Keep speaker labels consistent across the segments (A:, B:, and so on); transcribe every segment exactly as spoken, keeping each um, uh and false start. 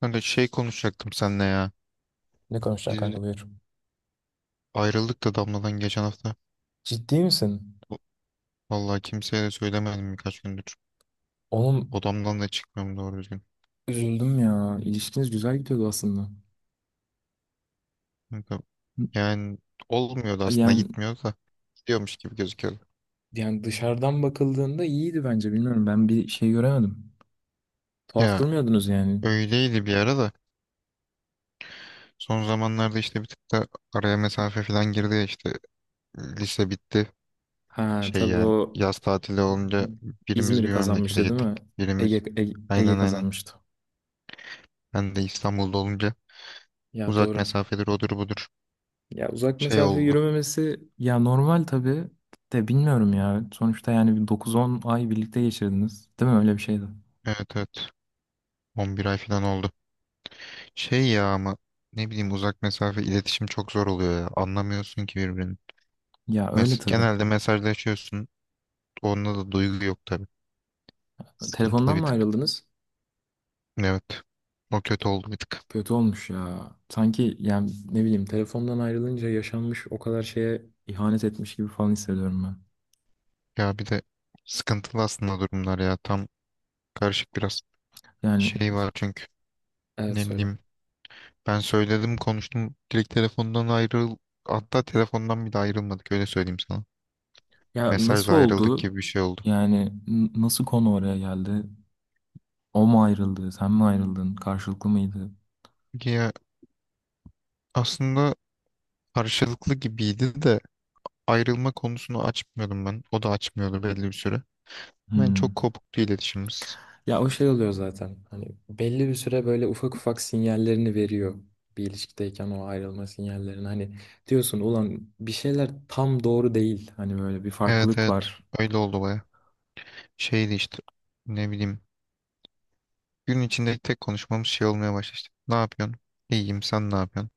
A: Kanka şey konuşacaktım seninle ya.
B: Ne konuşacaksın
A: Biz
B: kanka, buyur.
A: ayrıldık da Damla'dan geçen hafta.
B: Ciddi misin?
A: Vallahi kimseye de söylemedim birkaç gündür.
B: Oğlum,
A: Odamdan da çıkmıyorum doğru düzgün.
B: üzüldüm ya. İlişkiniz güzel gidiyordu aslında.
A: Kanka, yani olmuyordu aslında
B: Yani
A: gitmiyordu da. Gidiyormuş gibi gözüküyordu.
B: yani dışarıdan bakıldığında iyiydi bence, bilmiyorum. Ben bir şey göremedim. Tuhaf
A: Ya
B: durmuyordunuz yani.
A: öyleydi bir ara da. Son zamanlarda işte bir tık da araya mesafe falan girdi ya işte. Lise bitti.
B: Ha,
A: Şey
B: tabii
A: yani
B: o
A: yaz tatili olunca birimiz
B: İzmir'i
A: bir memlekete
B: kazanmıştı değil
A: gittik.
B: mi? Ege,
A: Birimiz
B: Ege, Ege
A: aynen aynen.
B: kazanmıştı.
A: Ben de İstanbul'da olunca
B: Ya
A: uzak
B: doğru.
A: mesafedir odur budur
B: Ya uzak
A: şey
B: mesafe
A: oldu.
B: yürümemesi ya, normal tabii de bilmiyorum ya. Sonuçta yani bir dokuz on ay birlikte geçirdiniz. Değil mi? Öyle bir şeydi.
A: Evet evet. on bir ay falan oldu. Şey ya ama ne bileyim uzak mesafe iletişim çok zor oluyor ya. Anlamıyorsun ki birbirini.
B: Ya öyle
A: Mes
B: tabii.
A: genelde mesajlaşıyorsun. Onda da duygu yok tabii. Sıkıntılı
B: Telefondan
A: bir
B: mı
A: tık.
B: ayrıldınız?
A: Evet. O kötü oldu bir tık.
B: Kötü olmuş ya. Sanki yani ne bileyim, telefondan ayrılınca yaşanmış o kadar şeye ihanet etmiş gibi falan hissediyorum ben.
A: Ya bir de sıkıntılı aslında durumlar ya. Tam karışık biraz
B: Yani
A: şey var çünkü.
B: evet,
A: Ne
B: söyle.
A: bileyim ben söyledim konuştum. Direkt telefondan ayrıl. Hatta telefondan bile ayrılmadık öyle söyleyeyim sana.
B: Ya
A: Mesajla
B: nasıl
A: ayrıldık
B: oldu?
A: gibi bir şey oldu.
B: Yani n- nasıl konu oraya geldi? O mu ayrıldı? Sen mi ayrıldın? Karşılıklı mıydı?
A: Ya aslında karşılıklı gibiydi de ayrılma konusunu açmıyordum ben. O da açmıyordu belli bir süre. Ben
B: Hmm.
A: çok kopuktu iletişimimiz.
B: Ya o şey oluyor zaten. Hani belli bir süre böyle ufak ufak sinyallerini veriyor. Bir ilişkideyken o ayrılma sinyallerini. Hani diyorsun, ulan bir şeyler tam doğru değil. Hani böyle bir
A: Evet
B: farklılık
A: evet,
B: var.
A: öyle oldu baya. Şeydi işte, ne bileyim, gün içinde tek konuşmamız şey olmaya başladı işte. Ne yapıyorsun? İyiyim, sen ne yapıyorsun?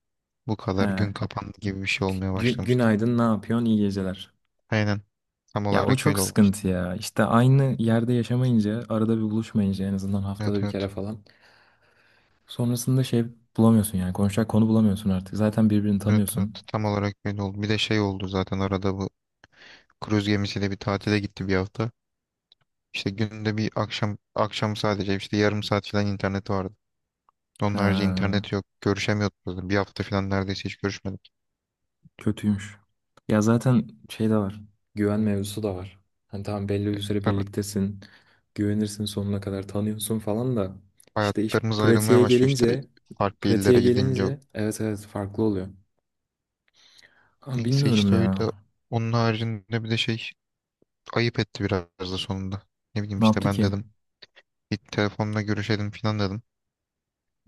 A: Bu
B: He,
A: kadar gün kapandı gibi bir şey olmaya
B: gü-
A: başlamıştı.
B: günaydın, ne yapıyorsun, iyi geceler.
A: Aynen, tam
B: Ya o
A: olarak
B: çok
A: öyle oldu işte.
B: sıkıntı ya. İşte aynı yerde yaşamayınca, arada bir buluşmayınca en azından haftada
A: Evet
B: bir kere
A: evet,
B: falan. Sonrasında şey, bulamıyorsun yani, konuşacak konu bulamıyorsun artık. Zaten birbirini
A: evet evet,
B: tanıyorsun.
A: tam olarak öyle oldu. Bir de şey oldu zaten arada, bu kruz gemisiyle bir tatile gitti bir hafta. İşte günde bir, akşam akşam sadece işte yarım saat falan internet vardı. Onun
B: Ha,
A: harici internet yok. Görüşemiyorduk zaten. Bir hafta falan neredeyse hiç görüşmedik.
B: kötüymüş. Ya zaten şey de var. Güven mevzusu da var. Hani tamam, belli bir süre
A: Tabii,
B: birliktesin. Güvenirsin, sonuna kadar tanıyorsun falan da. İşte iş
A: hayatlarımız ayrılmaya
B: pratiğe
A: başlıyor işte,
B: gelince,
A: farklı
B: pratiğe
A: illere gidince.
B: gelince evet evet, farklı oluyor. Ama
A: Neyse
B: bilmiyorum
A: işte öyle.
B: ya.
A: Onun haricinde bir de şey ayıp etti biraz da sonunda. Ne bileyim
B: Ne
A: işte
B: yaptı
A: ben
B: ki?
A: dedim bir telefonla görüşelim falan dedim.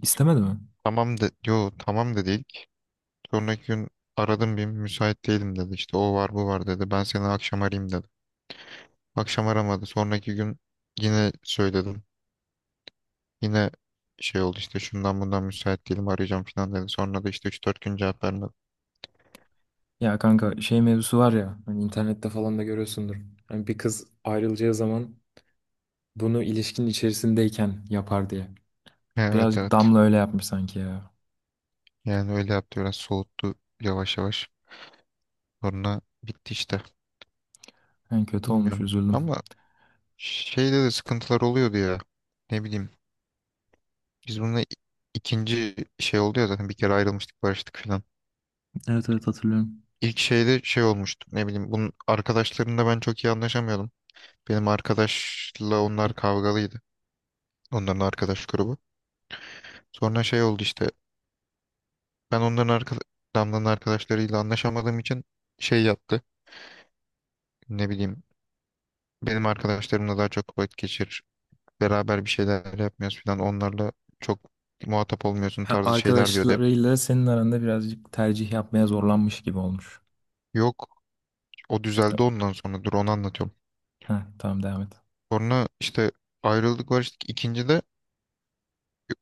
B: İstemedi mi?
A: Tamam, de yo tamam dedi ilk. Sonraki gün aradım, bir müsait değilim dedi. İşte o var bu var dedi. Ben seni akşam arayayım dedi. Akşam aramadı. Sonraki gün Yine söyledim. Yine şey oldu işte, şundan bundan müsait değilim, arayacağım falan dedi. Sonra da işte üç dört gün cevap vermedi.
B: Ya kanka, şey mevzusu var ya, hani internette falan da görüyorsundur. Hani bir kız ayrılacağı zaman bunu ilişkinin içerisindeyken yapar diye.
A: Evet
B: Birazcık
A: evet.
B: Damla öyle yapmış sanki ya.
A: Yani öyle yaptı, biraz soğuttu yavaş yavaş. Sonra bitti işte.
B: Yani kötü olmuş,
A: Bilmiyorum.
B: üzüldüm.
A: Ama şeyde de sıkıntılar oluyordu ya. Ne bileyim. Biz bununla i- ikinci şey oldu ya zaten, bir kere ayrılmıştık barıştık falan.
B: Evet evet, hatırlıyorum.
A: İlk şeyde şey olmuştu. Ne bileyim, bunun arkadaşlarımla ben çok iyi anlaşamıyordum. Benim arkadaşla onlar kavgalıydı. Onların arkadaş grubu. Sonra şey oldu işte. Ben onların arka, Damla'nın arkadaşlarıyla anlaşamadığım için şey yaptı. Ne bileyim, benim arkadaşlarımla daha çok vakit geçirir. Beraber bir şeyler yapmıyoruz falan. Onlarla çok muhatap olmuyorsun
B: Ha,
A: tarzı şeyler diyordu hep.
B: arkadaşlarıyla senin aranda birazcık tercih yapmaya zorlanmış gibi olmuş.
A: Yok, o düzeldi ondan sonra, dur onu anlatıyorum.
B: Ha, tamam, devam et.
A: Sonra işte ayrıldık barıştık. İkinci de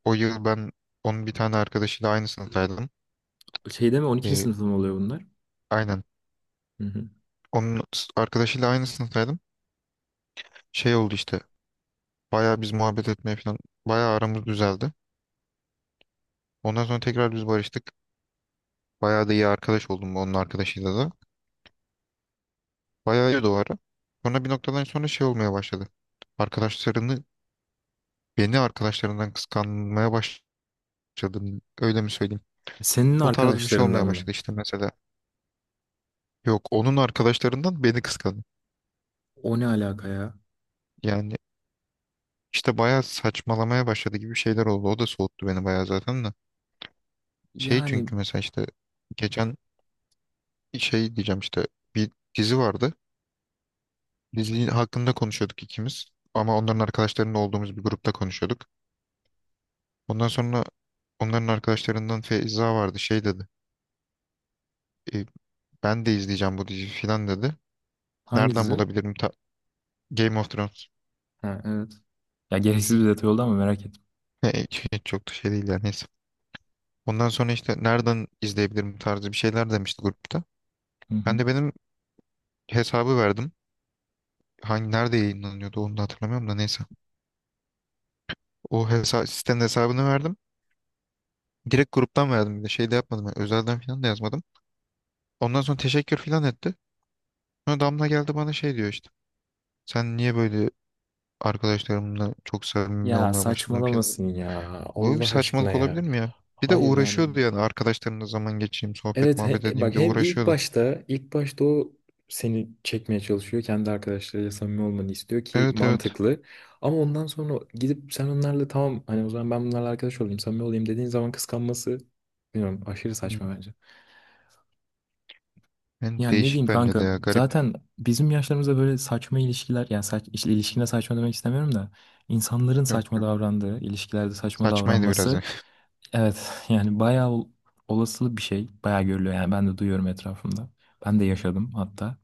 A: o yıl ben onun bir tane arkadaşıyla aynı sınıftaydım.
B: Şeyde mi, on ikinci
A: Ee,
B: sınıfta mı oluyor bunlar?
A: aynen.
B: Hı hı.
A: Onun s- arkadaşıyla aynı sınıftaydım. Şey oldu işte. Bayağı biz muhabbet etmeye falan. Bayağı aramız düzeldi. Ondan sonra tekrar biz barıştık. Bayağı da iyi arkadaş oldum onun arkadaşıyla da. Bayağı iyi o ara. Sonra bir noktadan sonra şey olmaya başladı. Arkadaşlarını Beni arkadaşlarından kıskanmaya başladım. Öyle mi söyleyeyim?
B: Senin
A: Bu tarz bir şey
B: arkadaşlarından
A: olmaya
B: mı?
A: başladı işte mesela. Yok, onun arkadaşlarından beni kıskandı.
B: O ne alaka ya?
A: Yani işte bayağı saçmalamaya başladı gibi şeyler oldu. O da soğuttu beni bayağı zaten de. Şey
B: Yani
A: çünkü mesela işte geçen şey diyeceğim işte bir dizi vardı. Dizi hakkında konuşuyorduk ikimiz. Ama onların arkadaşlarının olduğumuz bir grupta konuşuyorduk. Ondan sonra onların arkadaşlarından Feyza vardı, şey dedi. "E, ben de izleyeceğim bu diziyi" filan dedi. Nereden
B: hangisi?
A: bulabilirim? Ta- Game of Thrones.
B: Ha, evet. Ya gereksiz bir detay oldu ama merak ettim.
A: E, çok da şey değil yani, neyse. Ondan sonra işte nereden izleyebilirim tarzı bir şeyler demişti grupta.
B: Hı hı.
A: Ben de benim hesabı verdim. Hangi nerede yayınlanıyordu onu da hatırlamıyorum da, neyse. O hesa Sitenin hesabını verdim. Direkt gruptan verdim, bir de şey de yapmadım, yani özelden filan da yazmadım. Ondan sonra teşekkür filan etti. Sonra Damla geldi bana şey diyor işte. Sen niye böyle arkadaşlarımla çok samimi
B: Ya
A: olmaya başladım falan.
B: saçmalamasın ya.
A: Böyle
B: Allah
A: bir
B: aşkına
A: saçmalık olabilir
B: ya.
A: mi ya? Bir de
B: Hayır yani.
A: uğraşıyordu yani arkadaşlarımla zaman geçireyim, sohbet
B: Evet, he-
A: muhabbet
B: e,
A: edeyim
B: bak
A: de
B: hem ilk
A: uğraşıyordu.
B: başta ilk başta o seni çekmeye çalışıyor. Kendi arkadaşlarıyla samimi olmanı istiyor ki
A: Evet evet.
B: mantıklı. Ama ondan sonra gidip sen onlarla tamam, hani o zaman ben bunlarla arkadaş olayım, samimi olayım dediğin zaman kıskanması, bilmiyorum, aşırı
A: Hı.
B: saçma bence.
A: Yani
B: Yani ne diyeyim
A: değişik, bence de
B: kanka,
A: ya garip.
B: zaten bizim yaşlarımızda böyle saçma ilişkiler, yani saç, işte ilişkine saçma demek istemiyorum da insanların
A: Yok
B: saçma
A: yok.
B: davrandığı ilişkilerde saçma
A: Saçmaydı biraz ya.
B: davranması evet yani bayağı ol- olasılı bir şey, bayağı görülüyor yani, ben de duyuyorum etrafımda, ben de yaşadım hatta.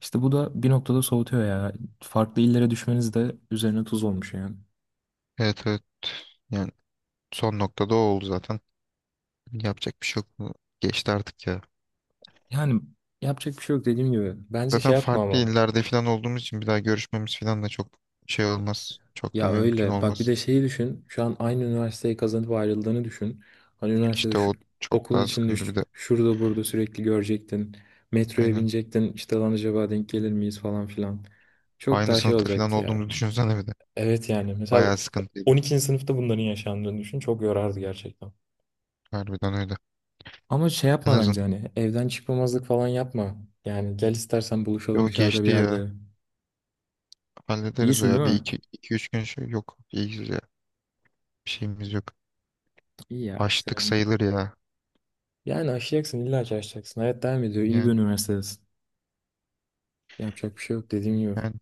B: İşte bu da bir noktada soğutuyor ya, farklı illere düşmeniz de üzerine tuz olmuş yani.
A: Evet evet. Yani son noktada o oldu zaten. Yapacak bir şey yok. Bu Geçti artık ya.
B: Yani yapacak bir şey yok dediğim gibi, bence
A: Zaten
B: şey yapma
A: farklı
B: ama.
A: illerde falan olduğumuz için bir daha görüşmemiz falan da çok şey olmaz. Çok da
B: Ya
A: mümkün
B: öyle. Bak, bir
A: olmaz.
B: de şeyi düşün. Şu an aynı üniversiteyi kazanıp ayrıldığını düşün. Hani üniversitede
A: İşte
B: şu,
A: o çok
B: okulun
A: daha
B: içinde
A: sıkıntı
B: ş-
A: bir de.
B: şurada burada sürekli görecektin. Metroya
A: Aynen.
B: binecektin. İşte lan acaba denk gelir miyiz falan filan. Çok
A: Aynı
B: daha şey
A: sınıfta falan
B: olacaktı ya.
A: olduğumuzu düşünsene bir de.
B: Evet yani. Mesela
A: Bayağı sıkıntıydı.
B: on ikinci sınıfta bunların yaşandığını düşün. Çok yorardı gerçekten.
A: Harbiden öyle.
B: Ama şey
A: En
B: yapma bence,
A: azından
B: hani evden çıkmamazlık falan yapma. Yani gel, istersen buluşalım
A: o
B: dışarıda bir
A: geçti ya.
B: yerde.
A: Hallederiz o
B: İyisin değil
A: ya. Bir
B: mi?
A: iki, iki üç gün şey yok. İyiyiz ya. Bir şeyimiz yok.
B: İyi ya.
A: Açtık
B: Sen...
A: sayılır ya.
B: Yani aşacaksın, illa ki aşacaksın. Hayat devam ediyor. İyi bir
A: Yani,
B: üniversitedesin. Yapacak bir şey yok dediğim gibi.
A: yani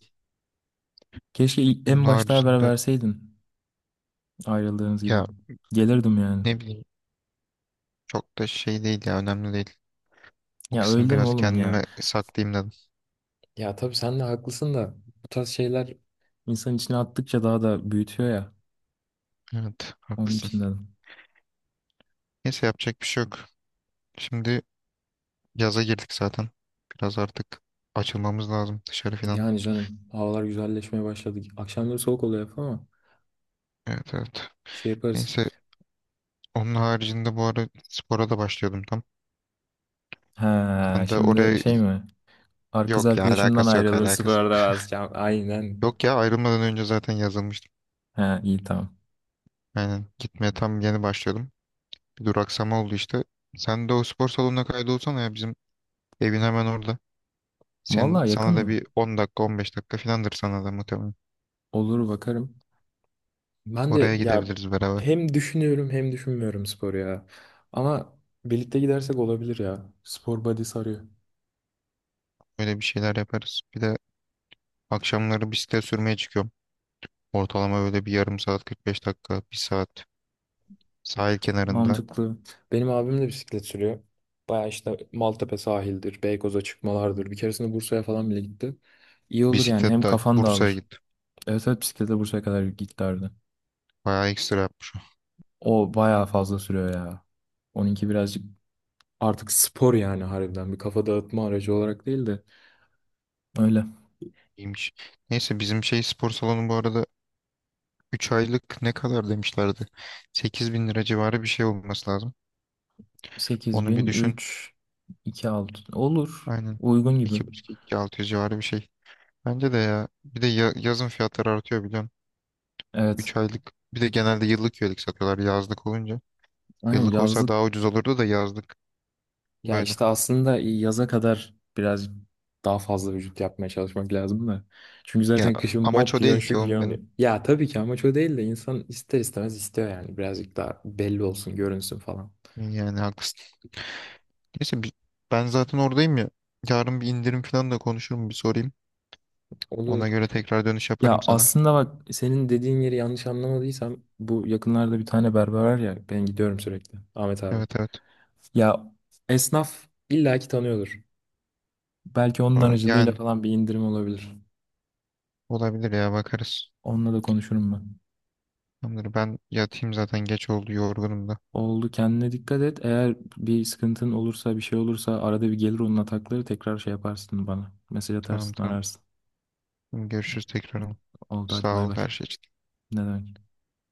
B: Keşke ilk-
A: bunun
B: en başta haber
A: haricinde
B: verseydin, ayrıldığınız gibi.
A: ya
B: Gelirdim yani.
A: ne bileyim çok da şey değil ya. Önemli değil. O
B: Ya öyle
A: kısmı
B: deme
A: biraz
B: oğlum ya.
A: kendime saklayayım dedim.
B: Ya tabii sen de haklısın da, bu tarz şeyler İnsan içine attıkça daha da büyütüyor ya.
A: Evet
B: Onun
A: haklısın.
B: için dedim.
A: Neyse yapacak bir şey yok. Şimdi yaza girdik zaten. Biraz artık açılmamız lazım dışarı falan.
B: Yani canım, havalar güzelleşmeye başladı. Akşamları soğuk oluyor hep ama
A: Evet evet.
B: şey yaparız.
A: Neyse, onun haricinde bu ara spora da başlıyordum tam.
B: Ha,
A: Ben de
B: şimdi
A: oraya
B: şey mi? Ar- Kız
A: Yok ya,
B: arkadaşımdan
A: alakası yok,
B: ayrılır
A: alakası yok.
B: sıfırda. Ya, aynen.
A: Yok ya, ayrılmadan önce zaten yazılmıştım.
B: Ha, iyi tamam.
A: Aynen, gitmeye tam yeni başlıyordum. Bir duraksama oldu işte. Sen de o spor salonuna kaydolsana ya, bizim evin hemen orada. Senin,
B: Vallahi yakın
A: sana da
B: mı?
A: bir on dakika on beş dakika filandır sana da muhtemelen.
B: Olur, bakarım. Ben de
A: Oraya
B: ya,
A: gidebiliriz beraber.
B: hem düşünüyorum hem düşünmüyorum spor ya. Ama birlikte gidersek olabilir ya. Spor body sarıyor.
A: Öyle bir şeyler yaparız. Bir de akşamları bisiklet sürmeye çıkıyorum. Ortalama böyle bir yarım saat kırk beş dakika bir saat sahil kenarında
B: Mantıklı. Benim abim de bisiklet sürüyor. Baya işte Maltepe sahildir, Beykoz'a çıkmalardır. Bir keresinde Bursa'ya falan bile gitti. İyi olur yani, hem
A: bisikletle
B: kafan
A: Bursa'ya
B: dağılır.
A: gittim.
B: Evet evet, bisikletle Bursa'ya kadar giderdi.
A: Bayağı ekstra yapmış.
B: O baya fazla sürüyor ya. Onunki birazcık artık spor yani, harbiden bir kafa dağıtma aracı olarak değil de. Öyle.
A: İyiymiş. Neyse bizim şey spor salonu, bu arada üç aylık ne kadar demişlerdi? Sekiz bin lira civarı bir şey olması lazım. Onu bir düşün.
B: sekiz bin üç yirmi altı olur.
A: Aynen.
B: Uygun gibi.
A: iki iki buçuk altı yüz civarı bir şey. Bence de ya. Bir de ya- yazın fiyatları artıyor biliyorsun.
B: Evet.
A: Üç aylık. Bir de genelde yıllık üyelik satıyorlar yazlık olunca.
B: Aynen,
A: Yıllık olsa
B: yazlık.
A: daha ucuz olurdu da yazlık
B: Ya
A: böyle.
B: işte aslında e, yaza kadar biraz daha fazla vücut yapmaya çalışmak lazım da. Çünkü
A: Ya
B: zaten kışın mont
A: amaç o değil
B: giyiyorsun, şu
A: ki oğlum
B: giyiyorsun diye.
A: benim.
B: Ya tabii ki amaç o değil de insan ister istemez istiyor yani. Birazcık daha belli olsun, görünsün falan.
A: Yani haklısın. Neyse bi- Ben zaten oradayım ya. Yarın bir indirim falan da konuşurum, bir sorayım.
B: Olur.
A: Ona göre tekrar dönüş
B: Ya
A: yaparım sana.
B: aslında bak, senin dediğin yeri yanlış anlamadıysam bu yakınlarda bir tane berber var ya, ben gidiyorum sürekli. Ahmet abi.
A: Evet evet.
B: Ya esnaf illaki tanıyordur. Belki onun
A: O-
B: aracılığıyla
A: Yani
B: falan bir indirim olabilir.
A: olabilir ya, bakarız.
B: Onunla da konuşurum ben.
A: Tamamdır, ben yatayım zaten geç oldu, yorgunum da.
B: Oldu, kendine dikkat et. Eğer bir sıkıntın olursa, bir şey olursa, arada bir gelir onun atakları tekrar, şey yaparsın bana. Mesaj
A: Tamam
B: atarsın,
A: tamam.
B: ararsın.
A: Görüşürüz tekrar.
B: Oldu, hadi
A: Sağ
B: bay
A: ol her
B: bay.
A: şey için.
B: Ne demek.